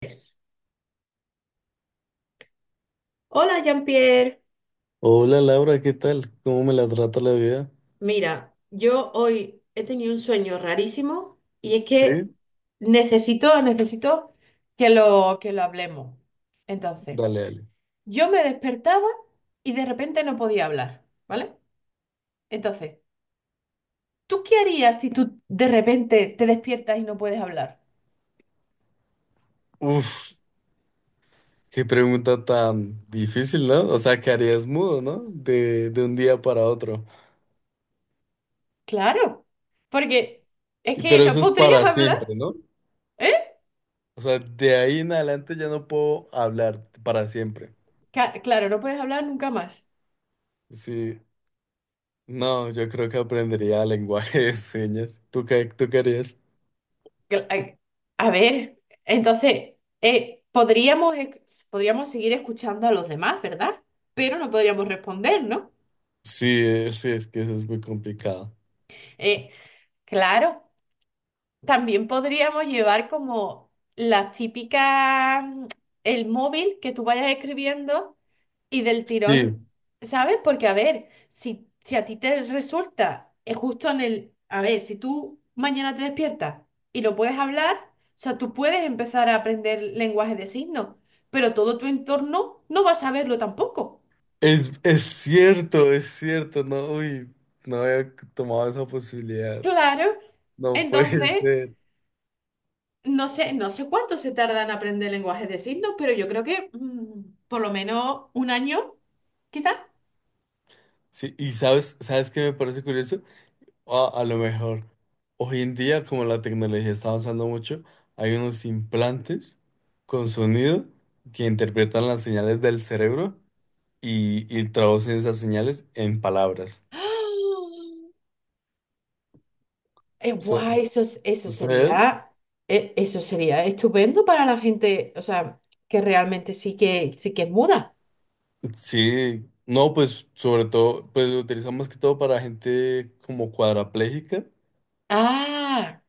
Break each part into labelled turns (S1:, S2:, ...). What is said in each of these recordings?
S1: Pues, hola Jean-Pierre,
S2: Hola Laura, ¿qué tal? ¿Cómo me la trata la vida?
S1: mira, yo hoy he tenido un sueño rarísimo y es que
S2: Sí.
S1: necesito que lo hablemos. Entonces,
S2: Dale, dale.
S1: yo me despertaba y de repente no podía hablar, ¿vale? Entonces, ¿tú qué harías si tú de repente te despiertas y no puedes hablar?
S2: Uf, qué pregunta tan difícil, ¿no? O sea, ¿que harías mudo, ¿no? De un día para otro.
S1: Claro, porque es
S2: Y
S1: que
S2: pero
S1: no
S2: eso es
S1: podrías
S2: para
S1: hablar,
S2: siempre, ¿no?
S1: ¿eh?
S2: O sea, de ahí en adelante ya no puedo hablar para siempre.
S1: Claro, no puedes hablar nunca más.
S2: Sí. No, yo creo que aprendería lenguaje de señas. ¿Tú qué harías?
S1: Cla- A ver, entonces, podríamos, podríamos seguir escuchando a los demás, ¿verdad? Pero no podríamos responder, ¿no?
S2: Sí, sí, es que eso es muy complicado.
S1: Eh, claro, también podríamos llevar como las típicas, el móvil que tú vayas escribiendo y del tirón,
S2: Sí.
S1: ¿sabes? Porque a ver, si a ti te resulta justo en el, a ver, si tú mañana te despiertas y lo puedes hablar, o sea, tú puedes empezar a aprender lenguaje de signos, pero todo tu entorno no va a saberlo tampoco.
S2: Es cierto, es cierto, no, uy, no había tomado esa posibilidad.
S1: Claro,
S2: No puede
S1: entonces
S2: ser.
S1: no sé, no sé cuánto se tarda en aprender lenguajes de signos, pero yo creo que por lo menos un año, quizá.
S2: Sí, y sabes, ¿sabes qué me parece curioso? Ah, a lo mejor hoy en día, como la tecnología está avanzando mucho, hay unos implantes con sonido que interpretan las señales del cerebro y traducen esas señales en palabras.
S1: ¡Ah! Eh,
S2: Sa-
S1: guau, eso,
S2: ¿Sabes?
S1: eso sería estupendo para la gente, o sea, que realmente sí que es muda.
S2: Sí, no, pues sobre todo, pues lo utilizamos más que todo para gente como cuadrapléjica,
S1: Ah,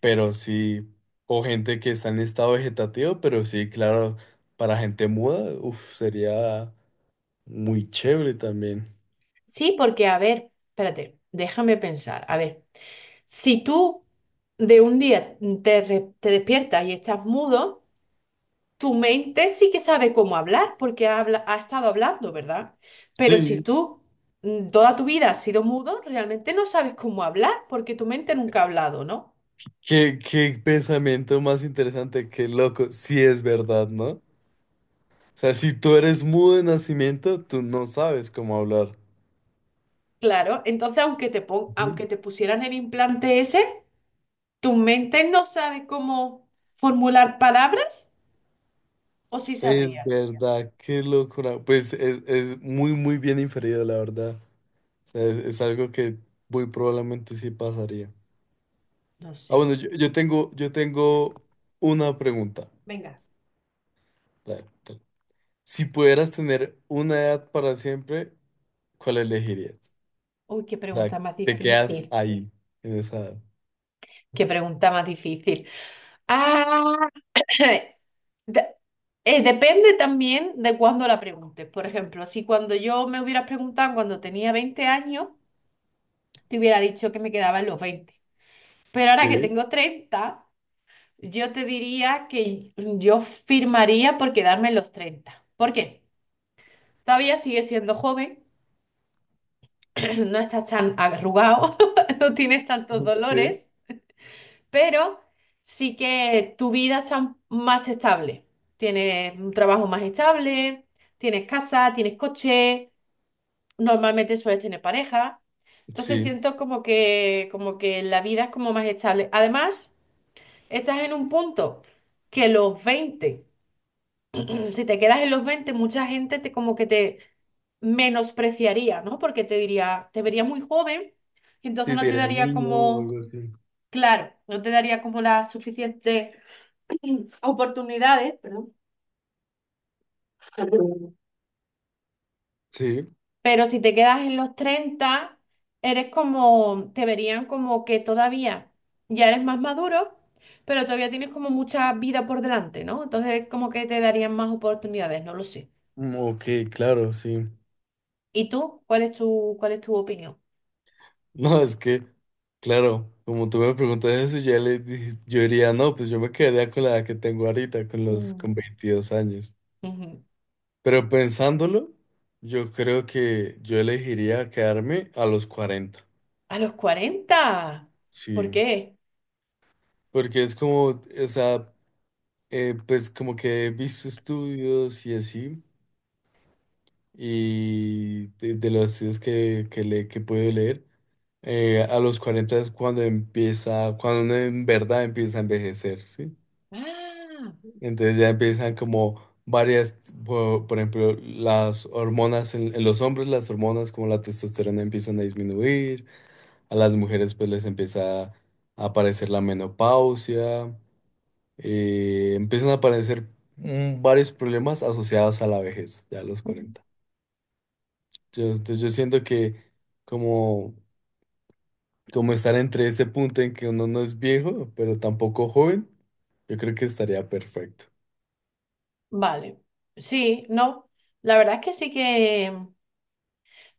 S2: pero sí, o gente que está en estado vegetativo, pero sí, claro, para gente muda, uf, sería muy chévere también.
S1: sí, porque a ver, espérate, déjame pensar. A ver, si tú de un día te despiertas y estás mudo, tu mente sí que sabe cómo hablar porque ha estado hablando, ¿verdad? Pero si
S2: Sí.
S1: tú toda tu vida has sido mudo, realmente no sabes cómo hablar porque tu mente nunca ha hablado, ¿no?
S2: Qué pensamiento más interesante, qué loco, sí es verdad, ¿no? O sea, si tú eres mudo de nacimiento, tú no sabes cómo hablar.
S1: Claro, entonces aunque te pon-
S2: Ujú.
S1: aunque te pusieran el implante ese, tu mente no sabe cómo formular palabras o sí
S2: Es
S1: sabría.
S2: verdad, qué locura. Pues es muy, muy bien inferido, la verdad. O sea, es algo que muy probablemente sí pasaría.
S1: No
S2: Ah,
S1: sé.
S2: bueno, yo tengo una pregunta.
S1: Venga.
S2: La- la- Si pudieras tener una edad para siempre, ¿cuál elegirías?
S1: Uy, qué
S2: O sea,
S1: pregunta más
S2: te quedas
S1: difícil.
S2: ahí, en esa edad.
S1: Qué pregunta más difícil. ¡Ah! De- depende también de cuándo la preguntes. Por ejemplo, si cuando yo me hubieras preguntado cuando tenía 20 años, te hubiera dicho que me quedaba en los veinte. Pero ahora que
S2: Sí,
S1: tengo 30, yo te diría que yo firmaría por quedarme en los treinta. ¿Por qué? Todavía sigues siendo joven, no estás tan arrugado, no tienes tantos
S2: sí,
S1: dolores, pero sí que tu vida está más estable. Tienes un trabajo más estable, tienes casa, tienes coche, normalmente sueles tener pareja. Entonces
S2: sí.
S1: siento como que la vida es como más estable. Además, estás en un punto que los 20, si te quedas en los 20 mucha gente te como que te menospreciaría, ¿no? Porque te diría, te vería muy joven, y entonces
S2: Si te
S1: no te
S2: dirían
S1: daría
S2: niño o
S1: como,
S2: algo así.
S1: claro, no te daría como la suficiente oportunidades, perdón.
S2: Sí,
S1: Pero si te quedas en los 30 eres te verían como que todavía ya eres más maduro, pero todavía tienes como mucha vida por delante, ¿no? Entonces como que te darían más oportunidades, no lo sé.
S2: ok, claro, sí.
S1: ¿Y tú? ¿Cuál es tu opinión?
S2: No, es que, claro, como tú me preguntas eso, yo diría, no, pues yo me quedaría con la edad que tengo ahorita,
S1: Mm,
S2: con 22 años.
S1: ujú.
S2: Pero pensándolo, yo creo que yo elegiría quedarme a los cuarenta.
S1: A los cuarenta. ¿Por
S2: Sí,
S1: qué?
S2: porque es como, o sea, pues como que he visto estudios y así, y de los estudios que puedo leer, a los 40 es cuando empieza, cuando uno en verdad empieza a envejecer, ¿sí?
S1: Ah,
S2: Entonces ya empiezan como varias, por ejemplo, las hormonas en los hombres, las hormonas como la testosterona empiezan a disminuir, a las mujeres pues les empieza a aparecer la menopausia, empiezan a aparecer varios problemas asociados a la vejez, ya a los
S1: ujú.
S2: 40. Entonces yo siento que como, como estar entre ese punto en que uno no es viejo, pero tampoco joven, yo creo que estaría perfecto.
S1: Vale. Sí, no. La verdad es que sí que...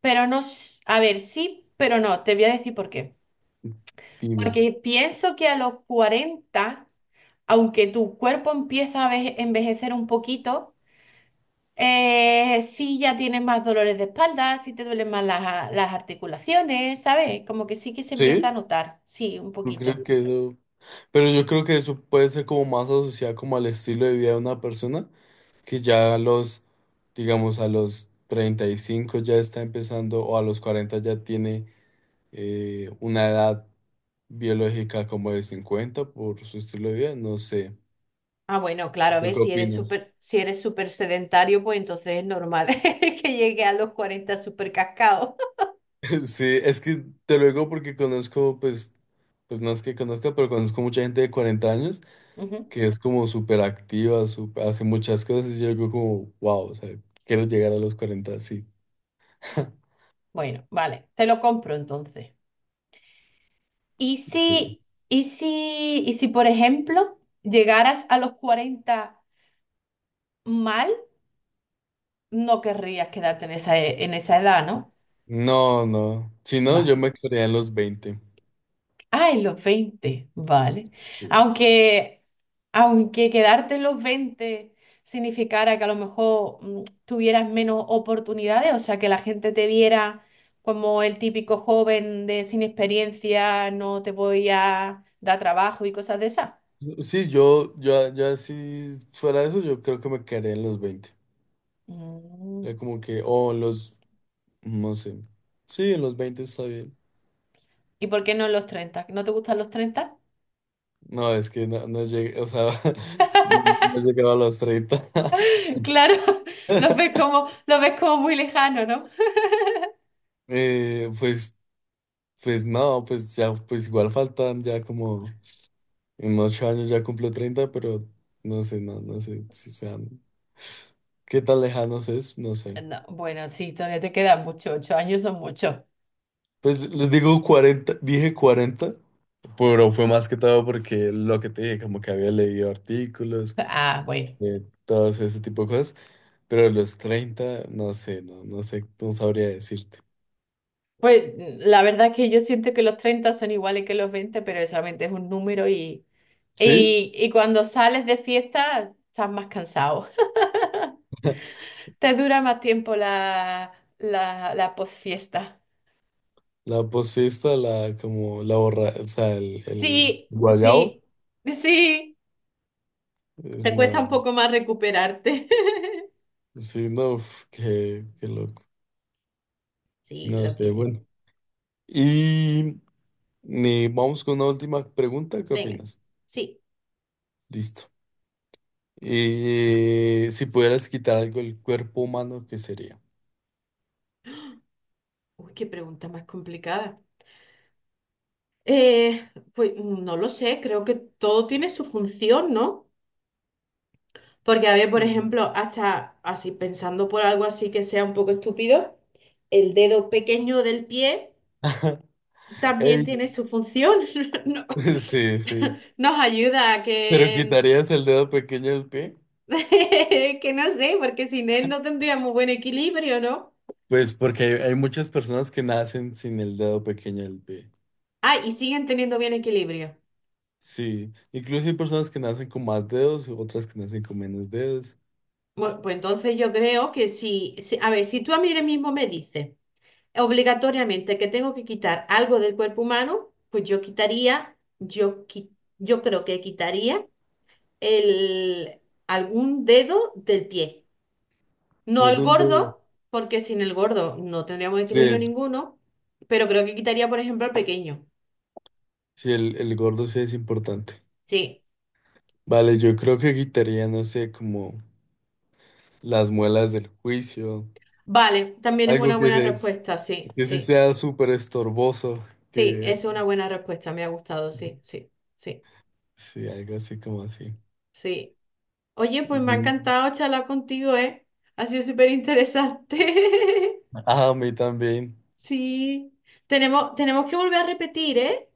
S1: Pero no, a ver, sí, pero no, te voy a decir por qué.
S2: Dime.
S1: Porque pienso que a los cuarenta, aunque tu cuerpo empieza a envejecer un poquito, sí ya tienes más dolores de espalda, sí te duelen más las articulaciones, ¿sabes? Como que sí que se empieza
S2: ¿Sí?
S1: a notar, sí, un
S2: ¿Tú crees
S1: poquito.
S2: que eso? Pero yo creo que eso puede ser como más asociado como al estilo de vida de una persona que ya digamos, a los 35 ya está empezando o a los 40 ya tiene una edad biológica como de 50 por su estilo de vida, no sé.
S1: Ah, bueno, claro,
S2: ¿Tú qué
S1: ves, si eres
S2: opinas?
S1: súper, si eres súper sedentario, pues entonces es normal que llegue a los 40 súper cascado.
S2: Sí, es que te lo digo porque conozco, pues, pues no es que conozca, pero conozco mucha gente de 40 años
S1: Ujú.
S2: que es como súper activa, hace muchas cosas y yo digo como, wow, o sea, quiero llegar a los 40 sí.
S1: Bueno, vale, te lo compro entonces. ¿Y
S2: Sí.
S1: si, y si, por ejemplo, llegaras a los 40 mal, no querrías quedarte en esa edad, ¿no?
S2: No, no. Si no, yo
S1: Vale.
S2: me quedaría en los veinte.
S1: Ah, en los 20, vale.
S2: Sí.
S1: Aunque, aunque quedarte en los 20 significara que a lo mejor tuvieras menos oportunidades, o sea, que la gente te viera como el típico joven de sin experiencia, no te voy a dar trabajo y cosas de esas.
S2: Sí, ya si fuera eso, yo creo que me quedaría en los veinte. Ya
S1: Mm.
S2: como que, no sé. Sí, en los veinte está bien.
S1: ¿Y por qué no los treinta? ¿No te gustan los 30?
S2: No, es que no llegué, o sea, no he a los treinta.
S1: Claro, los ves como, los ves como muy lejano, ¿no?
S2: Pues, pues no, pues ya, pues igual faltan ya como, en 8 años ya cumplo treinta, pero no sé, no sé si sean, qué tan lejanos es, no sé.
S1: No, bueno, sí, todavía te quedan muchos, 8 años son muchos.
S2: Pues les digo cuarenta, dije cuarenta. Pero fue más que todo porque lo que te dije, como que había leído artículos,
S1: Ah, bueno.
S2: todos ese tipo de cosas, pero los 30 no sé, no sé, no sabría decirte.
S1: Pues la verdad es que yo siento que los 30 son iguales que los 20, pero solamente es un número y,
S2: ¿Sí?
S1: y, y cuando sales de fiesta estás más cansado. Te dura más tiempo la posfiesta.
S2: La posfiesta, la como la borra, o sea, el
S1: Sí,
S2: guayabo,
S1: sí, sí,
S2: es
S1: te cuesta
S2: una,
S1: un poco más recuperarte.
S2: sí, no, uf, qué loco.
S1: Sí,
S2: No sé,
S1: loquísimo.
S2: bueno. Y vamos con una última pregunta, ¿qué
S1: Venga,
S2: opinas?
S1: sí.
S2: Listo. Si pudieras quitar algo del cuerpo humano, ¿qué sería?
S1: Uy, qué pregunta más complicada. Eh, pues no lo sé, creo que todo tiene su función, ¿no? Porque, a ver, por ejemplo, hasta así pensando por algo así que sea un poco estúpido, el dedo pequeño del pie también
S2: Ey,
S1: tiene su función. No-
S2: sí, sí.
S1: nos ayuda a
S2: ¿Pero
S1: que,
S2: quitarías el dedo pequeño del pie?
S1: que no sé, porque sin él no tendríamos buen equilibrio, ¿no?
S2: Pues porque hay muchas personas que nacen sin el dedo pequeño del pie.
S1: Ah, y siguen teniendo bien equilibrio.
S2: Sí. Incluso hay personas que nacen con más dedos, otras que nacen con menos dedos.
S1: Bueno, pues entonces yo creo que a ver, si tú a mí ahora mismo me dices obligatoriamente que tengo que quitar algo del cuerpo humano, pues yo quitaría, yo creo que quitaría el, algún dedo del pie. No el
S2: Algún dedo.
S1: gordo, porque sin el gordo no tendríamos
S2: Sí,
S1: equilibrio ninguno, pero creo que quitaría, por ejemplo, el pequeño.
S2: sí, el gordo sí es importante.
S1: Sí,
S2: Vale, yo creo que quitaría, no sé, como las muelas del juicio.
S1: vale, también es una
S2: Algo que,
S1: buena respuesta, sí,
S2: que sí
S1: sí,
S2: sea súper estorboso.
S1: sí,
S2: Que...
S1: es una buena respuesta, me ha gustado, sí, sí, sí,
S2: Sí, algo así como así.
S1: sí. Oye, pues me ha encantado charlar contigo, ¿eh? Ha sido súper interesante.
S2: Ah, a mí también.
S1: Sí. Tenemos que volver a repetir, ¿eh?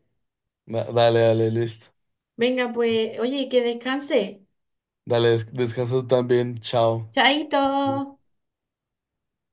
S2: Dale, dale, listo.
S1: Venga, pues, oye, que descanse.
S2: Dale, descansa tú también. Chao.
S1: Chaito.